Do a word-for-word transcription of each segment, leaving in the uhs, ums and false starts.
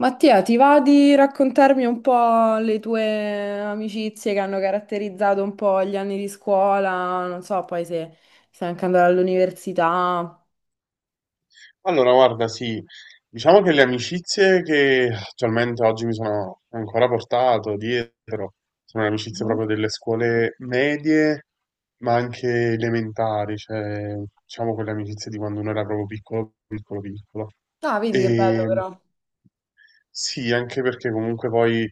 Mattia, ti va di raccontarmi un po' le tue amicizie che hanno caratterizzato un po' gli anni di scuola? Non so, poi se stai anche andando all'università. Allora, guarda, sì, diciamo che le amicizie che attualmente oggi mi sono ancora portato dietro sono le amicizie Mhm. proprio delle scuole medie, ma anche elementari, cioè diciamo quelle amicizie di quando uno era proprio piccolo, piccolo, piccolo. Ah, vedi che bello E, però. sì, anche perché comunque poi eh,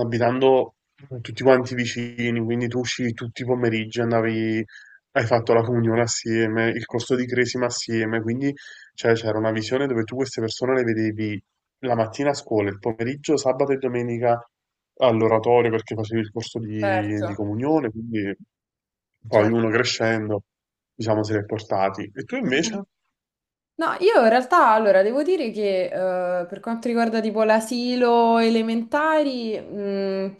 abitando tutti quanti vicini, quindi tu uscivi tutti i pomeriggi, andavi, hai fatto la comunione assieme, il corso di cresima assieme, quindi cioè, c'era una visione dove tu queste persone le vedevi la mattina a scuola, il pomeriggio, sabato e domenica all'oratorio perché facevi il corso di, di Certo, comunione, quindi poi uno certo. crescendo, diciamo, se li è portati. E tu invece? No, io in realtà, allora, devo dire che eh, per quanto riguarda tipo l'asilo elementari, mh,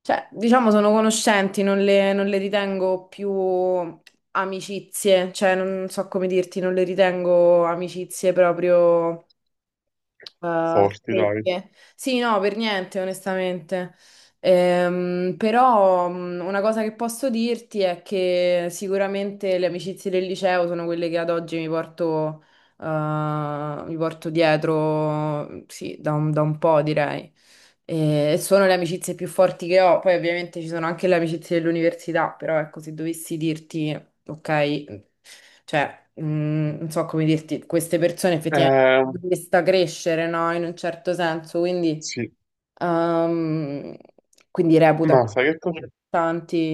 cioè, diciamo, sono conoscenti, non le, non le ritengo più amicizie, cioè, non so come dirti, non le ritengo amicizie proprio. Ah, Forti, dai. perché? Sì, no, per niente, onestamente. Ehm, però mh, una cosa che posso dirti è che sicuramente le amicizie del liceo sono quelle che ad oggi mi porto, eh, mi porto dietro, sì, da un, da un po', direi. E sono le amicizie più forti che ho. Poi ovviamente ci sono anche le amicizie dell'università, però ecco, se dovessi dirti ok? Cioè, mm, non so come dirti, queste persone effettivamente Eh, hanno visto crescere, no? In un certo senso, quindi sì, ehm, quindi reputo ma sai che cosa?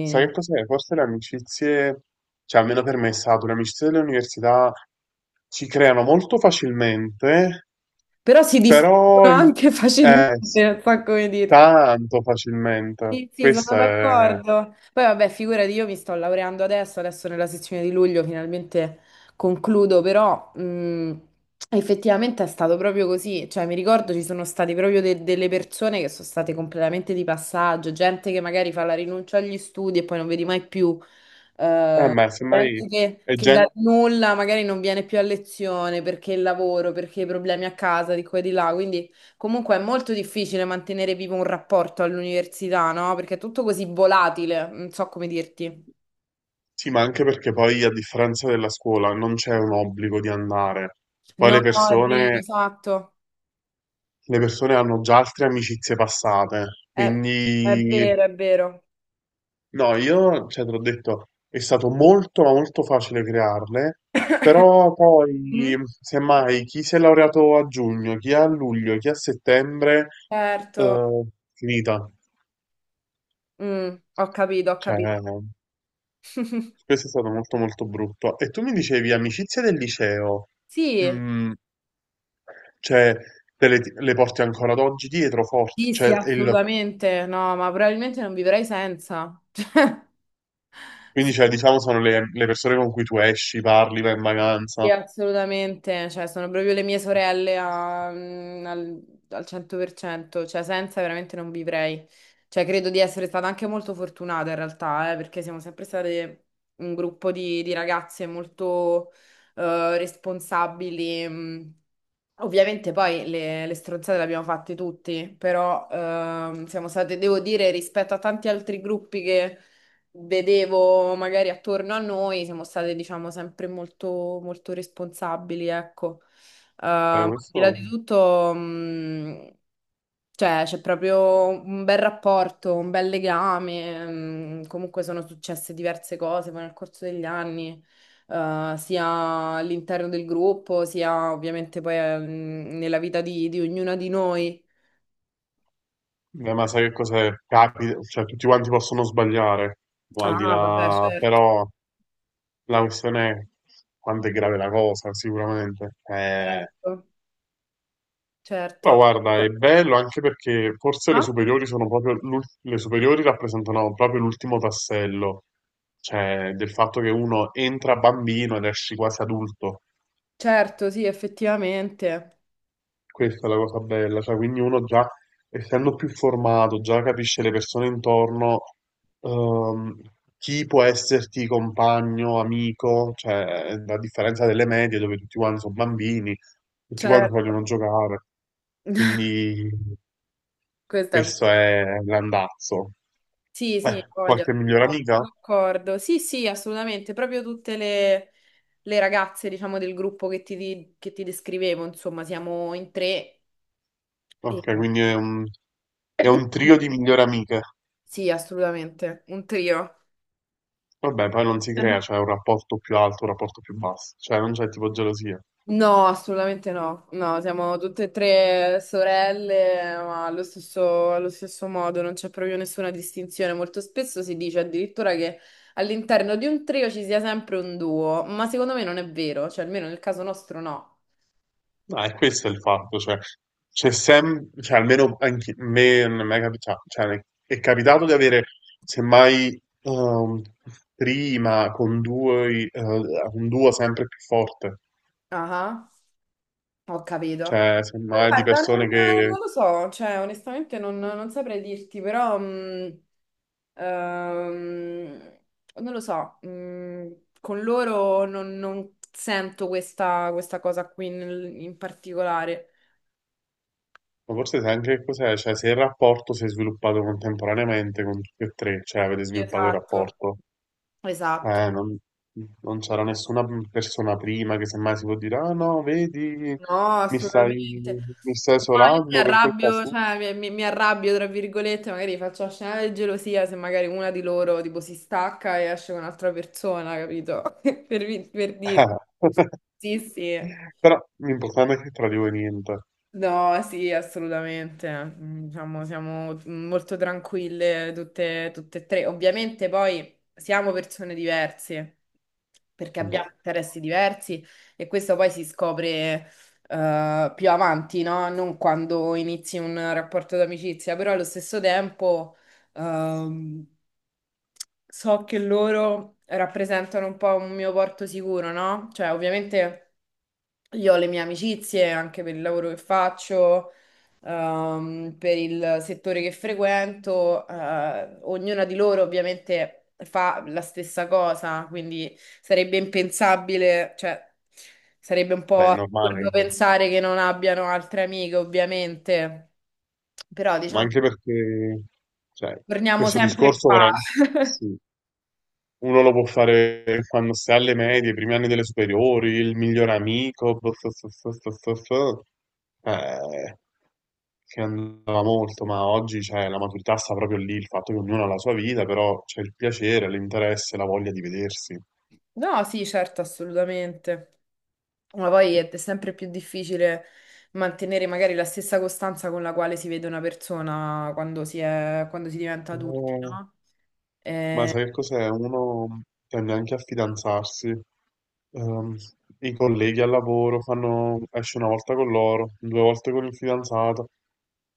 Sai che cos'è? Forse le amicizie, cioè almeno per me è stato, le amicizie delle università si creano molto facilmente, però si però distruggono i- anche eh, facilmente, s- non so come dirti. tanto facilmente. Sì, sì, sono Questo è, d'accordo. Poi vabbè, figurati, io mi sto laureando adesso, adesso nella sezione di luglio finalmente concludo, però mh, effettivamente è stato proprio così. Cioè, mi ricordo ci sono state proprio de- delle persone che sono state completamente di passaggio, gente che magari fa la rinuncia agli studi e poi non vedi mai più. eh, Eh, ma semmai Gente che, è che dal gente, nulla magari non viene più a lezione perché il lavoro, perché i problemi a casa di qua e di là. Quindi comunque è molto difficile mantenere vivo un rapporto all'università, no? Perché è tutto così volatile, non so come dirti. sì, ma anche perché poi a differenza della scuola non c'è un obbligo di andare. Poi No, le è vero, persone, esatto. le persone hanno già altre amicizie passate, È, è quindi. vero, è vero. No, io, cioè, te l'ho detto, è stato molto, ma molto facile crearle, però poi, Mhm. semmai, chi si è laureato a giugno, chi a luglio, chi a settembre, Certo. eh, finita. Mm, ho capito, ho Cioè, capito. questo è stato molto, molto brutto. E tu mi dicevi, amicizie del liceo, Sì, mm, cioè, te le, le porti ancora ad oggi dietro forte, sì, sì, cioè, il- assolutamente. No, ma probabilmente non vivrei senza. Cioè, quindi, sì. cioè, diciamo, sono le, le persone con cui tu esci, parli, vai in Sì, vacanza. assolutamente, cioè sono proprio le mie sorelle a- mm, al, al cento per cento, cioè senza veramente non vivrei. Cioè credo di essere stata anche molto fortunata in realtà, eh, perché siamo sempre state un gruppo di, di ragazze molto eh, responsabili. Mm. Ovviamente poi le, le stronzate le abbiamo fatte tutti, però ehm, siamo state, devo dire, rispetto a tanti altri gruppi che vedevo magari attorno a noi, siamo state, diciamo, sempre molto, molto responsabili, ecco. Eh, Eh, Ma al di là questo... di tutto, mh, cioè, c'è proprio un bel rapporto, un bel legame. Mh, comunque sono successe diverse cose poi nel corso degli anni. Eh, sia all'interno del gruppo, sia ovviamente poi eh, mh, nella vita di, di ognuna di noi. Eh, ma sai che cos'è? Capita, cioè tutti quanti possono sbagliare, o al di Ah, vabbè, là, certo, però la questione è quanto è grave la cosa, sicuramente. Eh, certo, Però certo. guarda, è bello anche perché forse le Ah? superiori sono proprio, l'ul- le superiori rappresentano proprio l'ultimo tassello, cioè del fatto che uno entra bambino ed esci quasi adulto. Certo, sì, effettivamente. Questa è la cosa bella, cioè quindi uno già essendo più formato, già capisce le persone intorno, ehm, chi può esserti compagno, amico, cioè a differenza delle medie dove tutti quanti sono bambini, tutti quanti Certo. vogliono giocare, quindi Questa è vera. questo è l'andazzo. Sì, sì, Beh, voglio, qualche migliore sono amica? sono d'accordo. Sì, sì, assolutamente. Proprio tutte le, le ragazze, diciamo, del gruppo che ti, di- che ti descrivevo, insomma, siamo in tre. Ok, e- quindi è un, è un trio di migliori amiche. Sì, assolutamente. Un trio. Vabbè, poi non si crea, cioè un rapporto più alto, un rapporto più basso, cioè non c'è tipo gelosia. No, assolutamente no. No, siamo tutte e tre sorelle, ma allo stesso, allo stesso modo, non c'è proprio nessuna distinzione. Molto spesso si dice addirittura che all'interno di un trio ci sia sempre un duo, ma secondo me non è vero, cioè almeno nel caso nostro no. No, è questo il fatto, cioè, c'è sempre, cioè, almeno anche a me non mi è mai capitato, cioè, è capitato di avere, semmai, ehm, prima con due, eh, un duo sempre più forte, Ah. Ho capito. cioè, Ma semmai di guarda, non, persone che, non lo so, cioè onestamente non, non saprei dirti, però mh, ehm, non lo so, mh, con loro non, non sento questa, questa cosa qui nel- in particolare. ma forse sai anche che cos'è, cioè, se il rapporto si è sviluppato contemporaneamente con tutti e tre, cioè, avete sviluppato il Esatto. rapporto, Esatto. Eh, non, non c'era nessuna persona prima che semmai si può dire, ah no, vedi, No, mi stai, assolutamente. mi stai No, io mi isolando per colpa arrabbio, sua. cioè mi, mi- mi arrabbio tra virgolette, magari faccio scenare di gelosia se magari una di loro tipo si stacca e esce con un'altra persona, capito? Per, vi- per dire. Sì, sì. Però l'importante è che tra di voi niente. No, sì, assolutamente. Mm, Diciamo, siamo molto tranquille tutte, tutte e tre. Ovviamente poi siamo persone diverse, perché Vabbè, abbiamo interessi diversi e questo poi si scopre eh, più avanti, no? Non quando inizi un rapporto d'amicizia, però allo stesso tempo. Ehm, so che loro rappresentano un po' un mio porto sicuro, no? Cioè, ovviamente io ho le mie amicizie anche per il lavoro che faccio, ehm, per il settore che frequento, eh, ognuna di loro ovviamente fa la stessa cosa, quindi sarebbe impensabile, cioè sarebbe un beh, po' è assurdo normale, pensare che non abbiano altre amiche, ovviamente, però ma diciamo, anche perché, cioè, torniamo questo sempre discorso qua. veramente, sì. Uno lo può fare quando si è alle medie, i primi anni delle superiori, il miglior amico, bo- so- so- so- so- so- so. Eh, che andava molto, ma oggi cioè, la maturità sta proprio lì, il fatto che ognuno ha la sua vita, però c'è il piacere, l'interesse, la voglia di vedersi. No, sì, certo, assolutamente. Ma poi è sempre più difficile mantenere magari la stessa costanza con la quale si vede una persona quando si è, quando si diventa adulti, Eh, no? ma Eh, sai che cos'è? Uno tende anche a fidanzarsi. Ehm, I colleghi al lavoro fanno, esce una volta con loro, due volte con il fidanzato.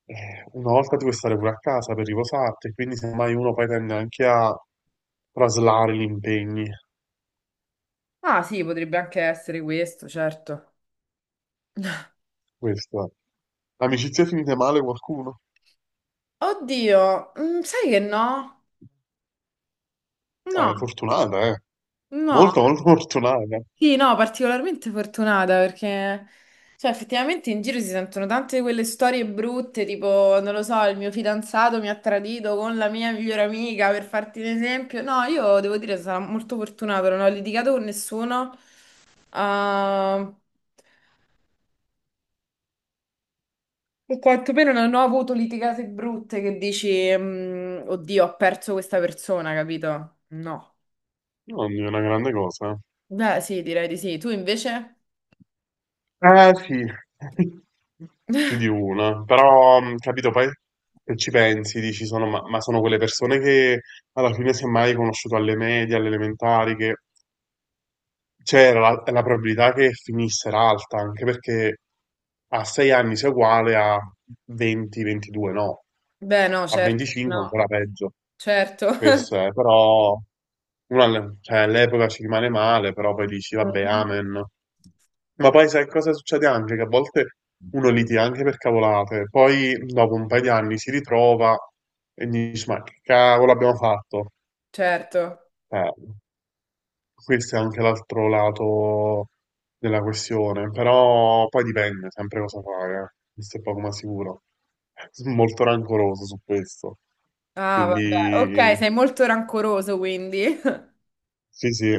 Eh, una volta tu puoi stare pure a casa per riposarti, quindi semmai uno poi tende anche a traslare gli impegni. ah, sì, potrebbe anche essere questo, certo. Questo è. Amicizie finite male qualcuno? Oddio, mm, sai che no? Ah, è No, fortunata, eh. no. Molto, molto fortunata. Sì, no, particolarmente fortunata perché, cioè, effettivamente in giro si sentono tante di quelle storie brutte, tipo, non lo so, il mio fidanzato mi ha tradito con la mia migliore amica, per farti un esempio. No, io devo dire, sarò molto fortunata, non ho litigato con nessuno, o o quantomeno non ho avuto litigate brutte che dici, mm, oddio, ho perso questa persona, capito? No. Non è una grande cosa. Beh, sì, direi di sì. Tu invece? Eh sì, più di una. Però, mh, capito, poi se ci pensi, dici, sono, ma, ma sono quelle persone che alla fine semmai hai conosciuto alle medie, alle elementari, che. Cioè, la, la probabilità che finisse era alta, anche perché a sei anni sei uguale a venti a ventidue, no? Beh, no, A certo, venticinque no, ancora peggio. certo. Questo è, però, uno alle- cioè, all'epoca ci rimane male, però poi dici, vabbè, amen. Ma poi sai cosa succede anche? Che a volte uno litiga anche per cavolate, poi dopo un paio di anni si ritrova e dici, ma che cavolo abbiamo fatto? Certo. Eh, Questo è anche l'altro lato della questione, però poi dipende sempre cosa fai, eh. Questo è poco ma sicuro. Sono molto rancoroso su questo. Ah, vabbè. Ok, Quindi sei molto rancoroso quindi. sì, sì,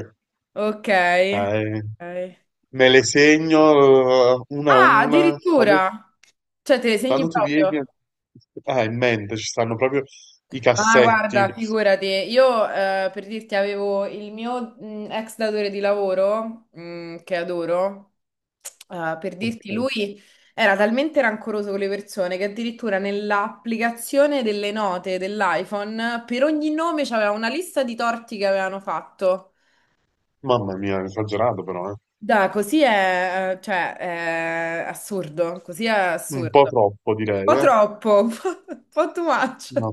Ok. cioè, Ok. me le segno eh, una a Ah, una. Quando, addirittura. Cioè, te le quando segni tu vieni, proprio. a- ah, in mente ci stanno proprio i Ma guarda, cassetti. figurati, io eh, per dirti avevo il mio mh, ex datore di lavoro, mh, che adoro, eh, per dirti Ok. lui era talmente rancoroso con le persone che addirittura nell'applicazione delle note dell'iPhone per ogni nome c'aveva una lista di torti che avevano fatto. Mamma mia, esagerato però, eh. Da, così è, eh, cioè, è assurdo, così è Un po' assurdo. Un troppo direi, po' eh. troppo, un po' un po' too much. Ma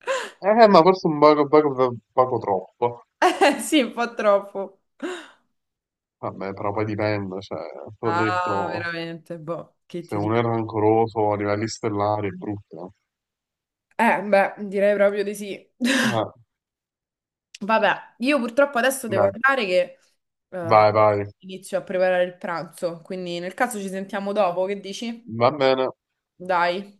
Eh, ma forse un poco, poco, poco troppo. Eh, sì, un po' troppo. Vabbè, però poi dipende, cioè, te l'ho Ah, detto, veramente, boh, che se ti uno è dico. rancoroso a livelli stellari è brutto. Eh, beh, direi proprio di sì. Eh, Vabbè, io purtroppo adesso devo Dai, andare che eh, vai, vai. inizio a preparare il pranzo, quindi nel caso ci sentiamo dopo, che dici? Va bene. Dai.